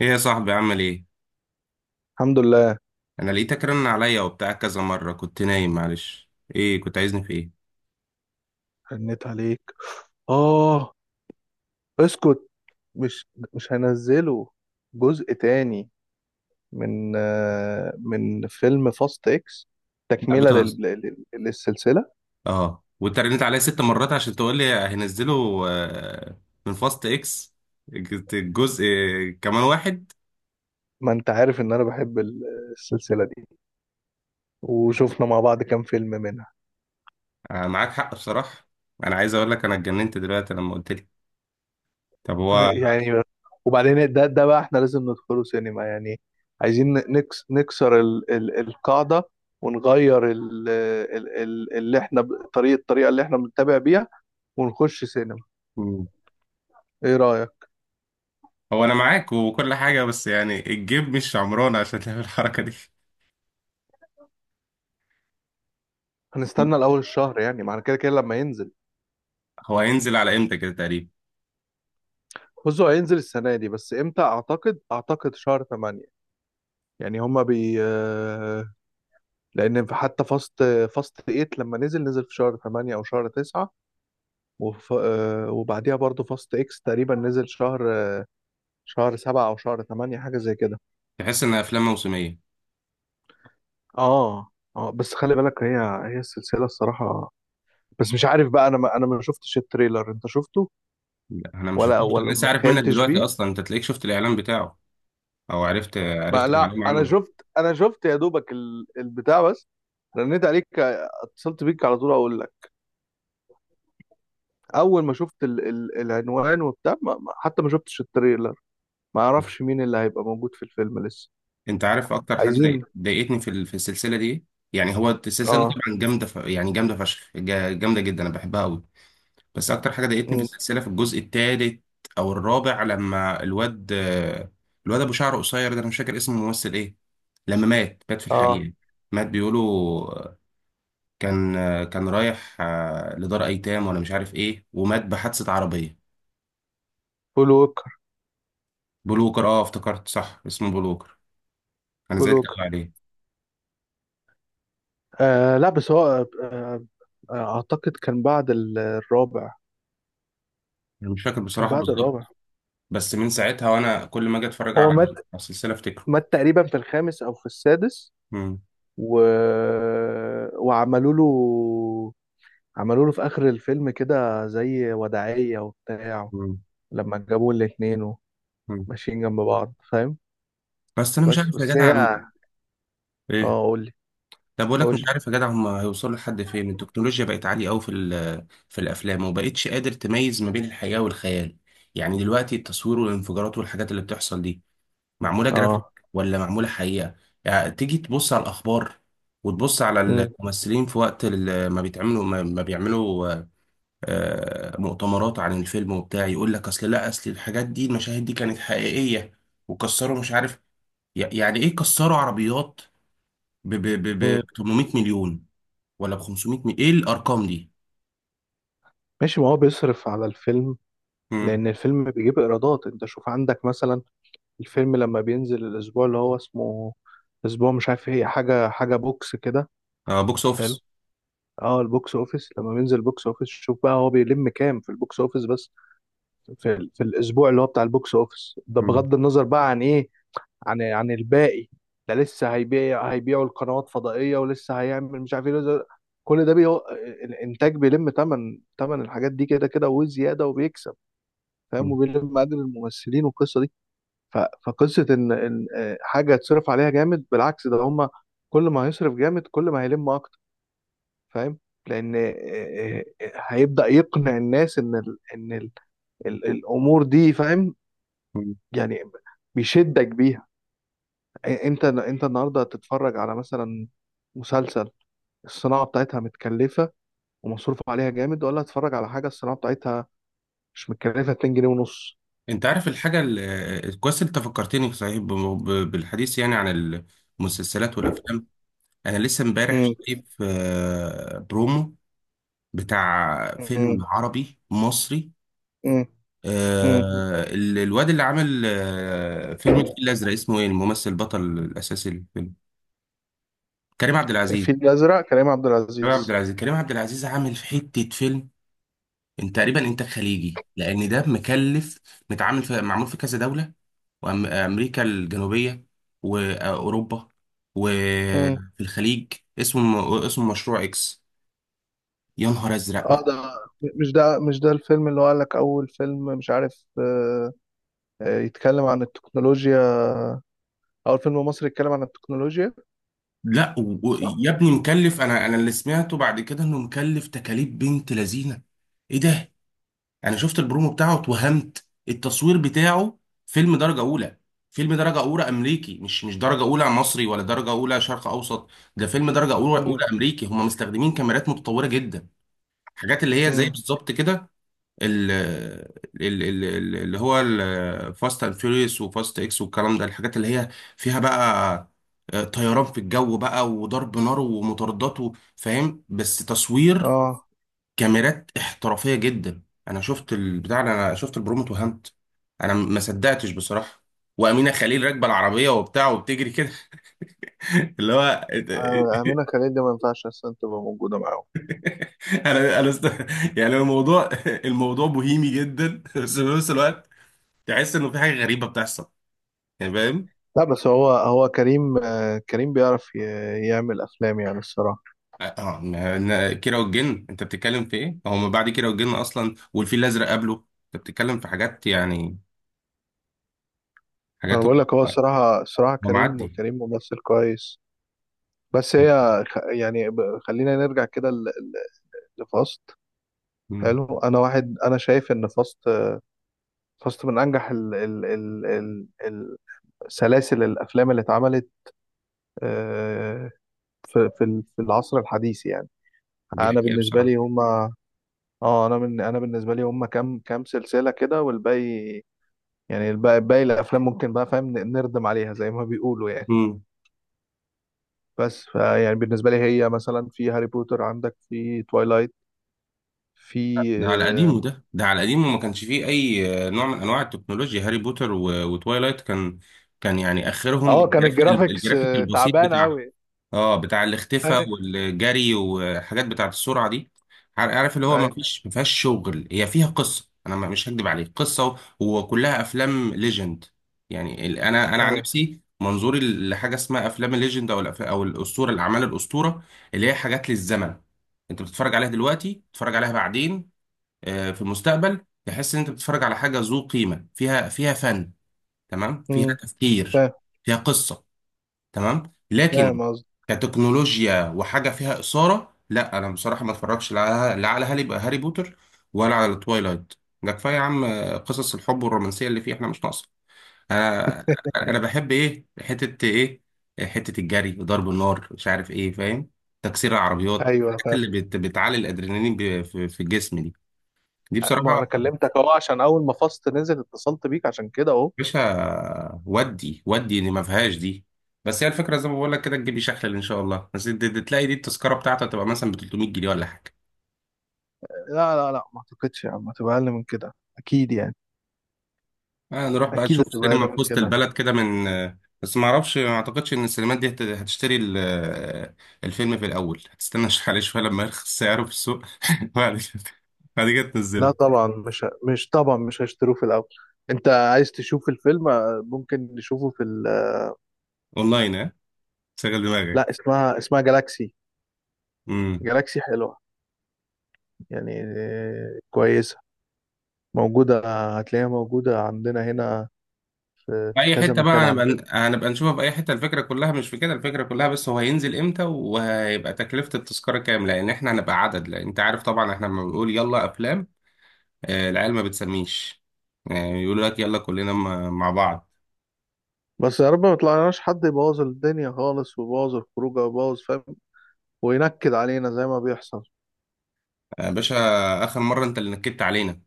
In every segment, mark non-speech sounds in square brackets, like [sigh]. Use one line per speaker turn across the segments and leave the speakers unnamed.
ايه يا صاحبي، عامل ايه؟
الحمد لله.
انا لقيتك رن عليا وبتاع كذا مره، كنت نايم معلش. ايه كنت عايزني في ايه؟
هنيت عليك. اه، اسكت. مش مش هنزله جزء تاني من فيلم فاست اكس.
لا
تكملة
بتهزر.
للسلسلة.
اه وانت رنيت عليا 6 مرات عشان تقول لي هنزله؟ آه، من فاست اكس الجزء كمان واحد.
ما انت عارف ان انا بحب السلسلة دي، وشفنا مع بعض كام فيلم منها.
معاك حق بصراحه. انا عايز اقول لك انا اتجننت دلوقتي لما قلت لي. طب هو.
طيب، يعني وبعدين ده بقى، احنا لازم ندخله سينما يعني؟ عايزين نكسر القاعدة، ونغير اللي احنا الطريقة اللي احنا بنتابع بيها، ونخش سينما.
مم.
ايه رأيك؟
هو انا معاك وكل حاجه، بس يعني الجيب مش عمران عشان تعمل الحركه دي.
هنستنى الاول الشهر يعني، معنى كده كده لما ينزل.
هو هينزل على امتى كده تقريبا؟
بصوا، هينزل السنة دي، بس امتى اعتقد شهر 8. يعني هما بي آه، لان حتى فاست، 8 لما نزل في شهر 8 او شهر 9. وف... آه، وبعديها برضو فاست اكس تقريبا نزل شهر 7 او شهر 8، حاجة زي كده.
تحس ان افلام موسميه.
اه. اه، بس خلي بالك، هي السلسلة الصراحة. بس مش عارف بقى، انا ما شفتش التريلر، انت شفته؟
لا، انا ما شفتوش، أنا
ولا
لسه
ما
عارف منك
تخيلتش.
دلوقتي اصلا. انت تلاقيك شفت الاعلان بتاعه او عرفت
ما
عرفت
لا،
معلومه عنه؟
انا شفت يا دوبك البتاع بس. رنيت عليك، اتصلت بيك على طول اقول لك. اول ما شفت ال ال العنوان وبتاع، حتى ما شفتش التريلر، ما اعرفش مين اللي هيبقى موجود في الفيلم لسه.
انت عارف اكتر حاجه
عايزين.
ضايقتني في في السلسله دي إيه؟ يعني هو السلسله
اه.
طبعا جامده، يعني جامده فشخ، جامده جدا، انا بحبها قوي. بس اكتر حاجه ضايقتني في
مم.
السلسله في الجزء الثالث او الرابع، لما الواد ابو شعر قصير ده، انا مش فاكر اسم الممثل ايه، لما مات في
اه،
الحقيقه، مات بيقولوا. كان كان رايح لدار ايتام ولا مش عارف ايه، ومات بحادثه عربيه.
بول ووكر.
بلوكر، اه افتكرت، صح اسمه بلوكر. انا
بول
زعلت قوي
ووكر.
عليه.
آه لا، بس هو، آه اعتقد كان بعد الرابع.
انا مش فاكر
كان
بصراحه
بعد الرابع.
بالظبط. بس من ساعتها وانا كل ما اجي اتفرج
هو
على السلسله افتكره.
مات تقريبا في الخامس او في السادس.
مم.
و... وعملوا له عملوا له في اخر الفيلم كده زي وداعية وبتاع،
مم.
لما جابوا الاتنين
مم.
وماشيين جنب بعض، فاهم؟
بس انا مش عارف يا
بس
جدع
هي.
ايه،
اه، قولي.
طب بقول لك مش
قولي.
عارف يا جدع هم هيوصلوا لحد فين. التكنولوجيا بقت عاليه قوي في في الافلام، وبقتش قادر تميز ما بين الحقيقه والخيال. يعني دلوقتي التصوير والانفجارات والحاجات اللي بتحصل دي، معمولة جرافيك
اه.
ولا معمولة حقيقة؟ يعني تيجي تبص على الأخبار، وتبص على
مم.
الممثلين في وقت ما بيتعملوا، ما بيعملوا مؤتمرات عن الفيلم وبتاع، يقول لك أصل، لا أصل الحاجات دي، المشاهد دي كانت حقيقية، وكسروا مش عارف يعني إيه، كسروا عربيات ب
مم.
800 مليون، ولا ب 500 مليون؟ إيه الأرقام دي؟
ماشي، ما هو بيصرف على الفيلم.
مم.
لان الفيلم بيجيب ايرادات. انت شوف عندك مثلا، الفيلم لما بينزل الاسبوع اللي هو اسمه، اسبوع مش عارف ايه، حاجة بوكس كده.
آه، بوكس
حلو.
أوفيس.
اه، البوكس اوفيس. لما بينزل بوكس اوفيس، شوف بقى هو بيلم كام في البوكس اوفيس بس، في الاسبوع اللي هو بتاع البوكس اوفيس ده،
مم.
بغض النظر بقى عن ايه، عن الباقي. ده لسه هيبيعوا القنوات فضائية، ولسه هيعمل مش عارف ايه، لسه. كل ده بيو... الانتاج بيلم تمن، الحاجات دي كده كده وزيادة، وبيكسب، فاهم؟ وبيلم اجر الممثلين والقصة دي. ف... فقصة ان حاجة تصرف عليها جامد، بالعكس، ده هما كل ما هيصرف جامد كل ما هيلم اكتر، فاهم؟ لان هيبدأ يقنع الناس ان الامور دي، فاهم؟
مم.
يعني بيشدك بيها. انت النهارده هتتفرج على مثلا مسلسل، الصناعه بتاعتها متكلفه ومصروف عليها جامد، ولا هتتفرج على حاجه الصناعه بتاعتها مش متكلفه 2 جنيه ونص؟
انت عارف الحاجة كويس انت فكرتني صحيح بالحديث يعني عن المسلسلات والافلام. انا لسه امبارح
مم.
شايف برومو بتاع
مم.
فيلم عربي مصري.
مم. مم.
الواد اللي عامل فيلم الفيل الازرق، اسمه ايه الممثل البطل الاساسي للفيلم؟ كريم عبد العزيز.
الفيل الازرق، كريم عبد
كريم عبد
العزيز.
العزيز كريم عبد العزيز عامل في حتة فيلم، انت تقريبا انتاج خليجي لان ده مكلف، متعامل في، معمول في كذا دوله: وامريكا الجنوبيه، واوروبا،
مم.
وفي الخليج. اسمه مشروع اكس. يا نهار ازرق.
اه، ده. مش ده الفيلم اللي هو قال لك اول فيلم مش عارف، يتكلم عن التكنولوجيا؟ اول فيلم مصري يتكلم عن التكنولوجيا.
لا
صح.
يا ابني مكلف، انا اللي سمعته بعد كده انه مكلف تكاليف بنت لذينه. ايه ده؟ يعني شفت البرومو بتاعه، اتوهمت التصوير بتاعه، فيلم درجة أولى، فيلم درجة أولى أمريكي، مش درجة أولى مصري، ولا درجة أولى شرق أوسط، ده فيلم درجة أولى
مم.
أمريكي. هم مستخدمين كاميرات متطورة جدا، حاجات اللي هي زي
مم.
بالظبط كده، ال- اللي هو الفاست اند فيوريوس وفاست اكس والكلام ده. الحاجات اللي هي فيها بقى طيران في الجو بقى، وضرب نار، ومطاردات، فاهم؟ بس تصوير،
اه.
كاميرات احترافية جدا. انا شفت البتاع، انا شفت البرومو، اتوهمت. انا ما صدقتش بصراحة. وأمينة خليل راكبة العربية وبتاع وبتجري كده، [laughs] اللي هو
امينه خليل دي ما ينفعش اصلا تبقى موجوده معاهم.
انا انا است... يعني الموضوع بوهيمي جدا، بس في نفس الوقت تحس انه في حاجة غريبة بتحصل، يعني فاهم؟
لا بس هو، كريم، كريم بيعرف يعمل افلام يعني الصراحه.
اه كيرة والجن، انت بتتكلم في ايه؟ هو ما بعد كيرة والجن اصلا، والفيل الازرق قبله، انت بتتكلم في حاجات، يعني
انا
حاجات.
بقول لك، هو الصراحه،
هو
كريم،
معدي.
ممثل كويس. بس هي، خلينا نرجع كده لفاست.
مم.
حلو. انا واحد، انا شايف ان فاست، من انجح سلاسل الافلام اللي اتعملت، آه، في العصر الحديث يعني.
دي
انا
حقيقة
بالنسبه لي
بصراحة.
هما. اه، انا بالنسبه لي هما كام سلسله كده، والباقي يعني، باقي الافلام ممكن بقى، فاهم، نردم عليها زي ما بيقولوا يعني. بس فيعني بالنسبه لي، هي مثلا في هاري بوتر، عندك في توايلايت، في.
ده على قديمه، ده على قديمه، ما كانش فيه اي نوع من انواع التكنولوجيا. هاري بوتر وتوايلايت، كان كان يعني
اه،
اخرهم
كان الجرافيكس،
الجرافيك البسيط
تعبان
بتاع.
قوي. [laughs]
اه، بتاع
ايوه.
الاختفاء والجري وحاجات بتاعه السرعه دي. عارف اللي هو ما
ايوه.
فيش، ما فيهاش شغل، هي فيها قصه، انا مش هكدب عليك، قصه وكلها افلام ليجند. يعني انا عن
أيوة.
نفسي منظوري لحاجه اسمها افلام الليجند، او او الاسطوره، الاعمال الاسطوره، اللي هي حاجات للزمن. انت بتتفرج عليها دلوقتي، بتتفرج عليها بعدين في المستقبل، تحس ان انت بتتفرج على حاجه ذو قيمه، فيها فن تمام، فيها
أمم،
تفكير،
فاهم.
فيها قصه تمام. لكن
فاهم قصدي.
كتكنولوجيا وحاجه فيها اثاره، لا انا بصراحه ما اتفرجش، لا لا، على هاري بوتر، ولا على تويلايت. ده كفايه يا عم، قصص الحب والرومانسيه اللي فيه احنا مش ناقصه. انا
[laughs]
انا بحب ايه؟ حته ايه؟ حته الجري، ضرب النار، مش عارف ايه، فاهم؟ تكسير العربيات،
ايوه،
الحاجات
فاهم.
اللي بتعلي الادرينالين في في الجسم دي، دي
ما
بصراحه.
انا كلمتك اهو، عشان اول ما فاست نزل اتصلت بيك عشان كده اهو.
باشا ودي، ودي اللي ما فيهاش دي. بس هي الفكره زي ما بقول لك كده، تجيبي شحلل ان شاء الله، بس تلاقي دي التذكره بتاعته تبقى مثلا ب 300 جنيه ولا حاجه.
لا، لا، لا، ما اعتقدش يا عم، هتبقى اقل من كده اكيد يعني.
آه، نروح بقى
اكيد
نشوف
هتبقى اقل
سينما في
من
وسط
كده.
البلد كده، من بس ما اعرفش، ما اعتقدش ان السينمات دي هتشتري الفيلم في الاول. هتستنى شحال شويه لما يرخص سعره في السوق، [laughs] بعد كده، بعد كده
لا
تنزله
طبعا، مش مش طبعا مش هشتروه في الاول. انت عايز تشوف الفيلم، ممكن نشوفه في
اونلاين، ها؟ شغل دماغك.
لا، اسمها جالاكسي. جالاكسي حلوة، يعني كويسة، موجودة. هتلاقيها موجودة عندنا هنا،
في
في
اي
كذا
حته بقى
مكان عندنا.
هنبقى نشوفها في اي حته، الفكره كلها مش في كده. الفكره كلها بس هو هينزل امتى، وهيبقى تكلفه التذكره كام، لان احنا هنبقى عدد. لان انت عارف طبعا، احنا لما بنقول يلا افلام، العيال ما بتسميش، يعني يقول لك يلا كلنا مع بعض.
بس يا رب ما يطلعناش حد يبوظ الدنيا خالص، ويبوظ الخروجه، ويبوظ، فاهم، وينكد علينا زي ما بيحصل.
يا باشا، اخر مره انت اللي نكدت علينا.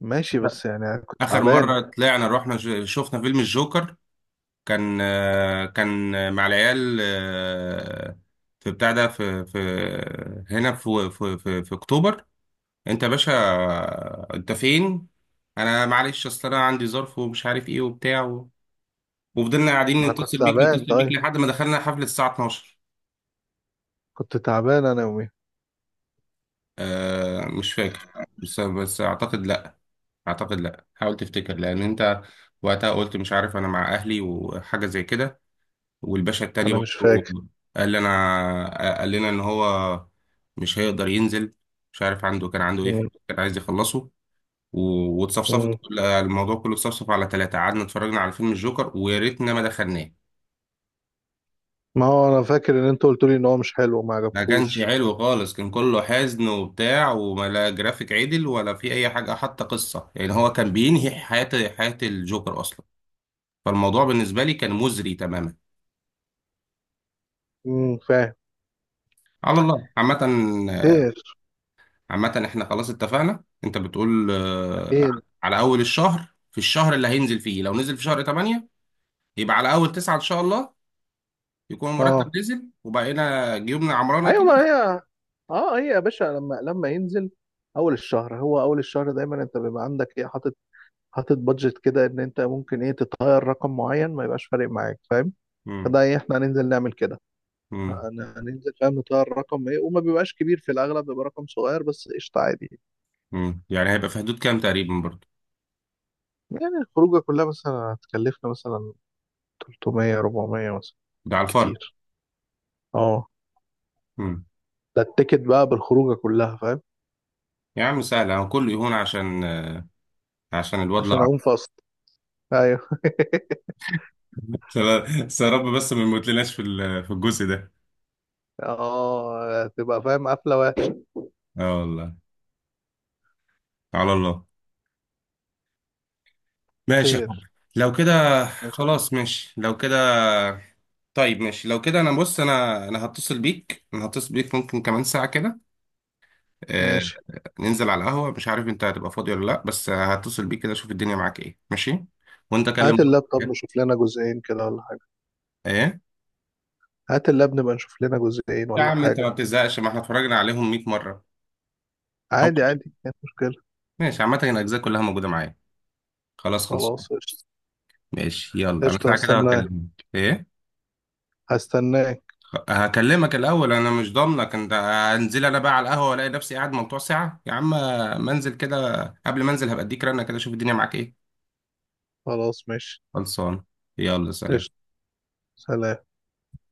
ماشي، بس يعني انا كنت
اخر
تعبان.
مره طلعنا رحنا شفنا فيلم الجوكر، كان مع العيال في بتاع ده، في في هنا في اكتوبر. انت يا باشا، انت فين؟ انا معلش، اصل انا عندي ظرف ومش عارف ايه وبتاع وفضلنا قاعدين
ما انا كنت
نتصل بيك،
تعبان
نتصل بيك
طيب.
لحد ما دخلنا حفلة الساعة 12.
كنت تعبان انا يومي.
مش فاكر، بس اعتقد لا. اعتقد لا، حاول تفتكر، لان انت وقتها قلت مش عارف، انا مع اهلي وحاجة زي كده. والباشا التاني
انا مش فاكر.
برضه قال لنا ان هو مش هيقدر ينزل، مش عارف عنده، كان عنده ايه كان عايز يخلصه، واتصفصفت الموضوع كله اتصفصف على 3. قعدنا اتفرجنا على فيلم الجوكر، ويا ريتنا ما دخلناه.
ما هو انا فاكر ان انت قلت لي ان هو مش حلو وما
ما كانش
عجبكوش.
حلو خالص، كان كله حزن وبتاع، وما لا جرافيك عدل ولا في أي حاجة، حتى قصة، يعني هو كان بينهي حياة الجوكر أصلا، فالموضوع بالنسبة لي كان مزري تماما.
امم، فاهم.
على الله
خير.
عامة احنا خلاص اتفقنا، انت بتقول
اكيد.
على أول الشهر، في الشهر اللي هينزل فيه، لو نزل في شهر 8 يبقى على أول 9 إن شاء الله، يكون
اه.
المرتب نزل وبقينا جيوبنا عمرانة
ايوه،
كده.
ما هي. اه، هي يا باشا، لما، ينزل اول الشهر. هو اول الشهر دايما انت بيبقى عندك ايه حاطط، بادجت كده، ان انت ممكن ايه تتغير رقم معين، ما يبقاش فارق معاك، فاهم؟
مم.
فده ايه، احنا هننزل نعمل كده.
مم.
هننزل، فاهم، نطير رقم، ايه، وما بيبقاش كبير في الاغلب، بيبقى رقم صغير بس، قشطه عادي.
مم. يعني هيبقى في حدود كام تقريبا برضو؟
يعني الخروجه كلها مثلا هتكلفنا مثلا 300، 400 مثلا
ده على الفرد؟
بالكتير. اه،
مم.
ده التيكت بقى بالخروجه كلها، فاهم؟
يا عم سهل، هو كله يهون عشان الواد،
عشان
لا.
اقوم فاصل. ايوه. [laughs]
[laughs] بس يا رب، بس ما يموتلناش في في الجزء ده.
اه، تبقى فاهم قفله وحش.
اه والله، على الله. ماشي يا
خير.
حب، لو كده
ماشي.
خلاص، ماشي لو كده. طيب ماشي لو كده، انا بص، انا هتصل بيك، ممكن كمان ساعة كده. آه
ماشي،
ننزل على القهوة، مش عارف انت هتبقى فاضي ولا لا، بس هتصل بيك كده اشوف الدنيا معاك ايه، ماشي. وانت
هات
كلم.
اللاب. طب نشوف لنا جزئين كده ولا حاجه؟
ايه
هات اللاب نبقى نشوف لنا جزئين
يا
ولا
عم، انت ما
حاجه.
بتزهقش؟ ما احنا اتفرجنا عليهم 100 مرة. هو
عادي، عادي مفيش مشكله.
ماشي، عامة الأجزاء كلها موجودة معايا، خلاص خلص.
خلاص، قشطه.
ماشي يلا، أنا
قشطه
ساعة كده
هستناك.
هكلمك إيه؟
هستناك.
هكلمك الأول، أنا مش ضامنك أنت هنزل، أنا بقى على القهوة ألاقي نفسي قاعد ممتوع ساعة يا عم. ما أنزل كده، قبل ما أنزل هبقى أديك رنة كده أشوف الدنيا معاك إيه.
خلاص ماشي.
خلصان، يلا سلام.
قشطه. سلام.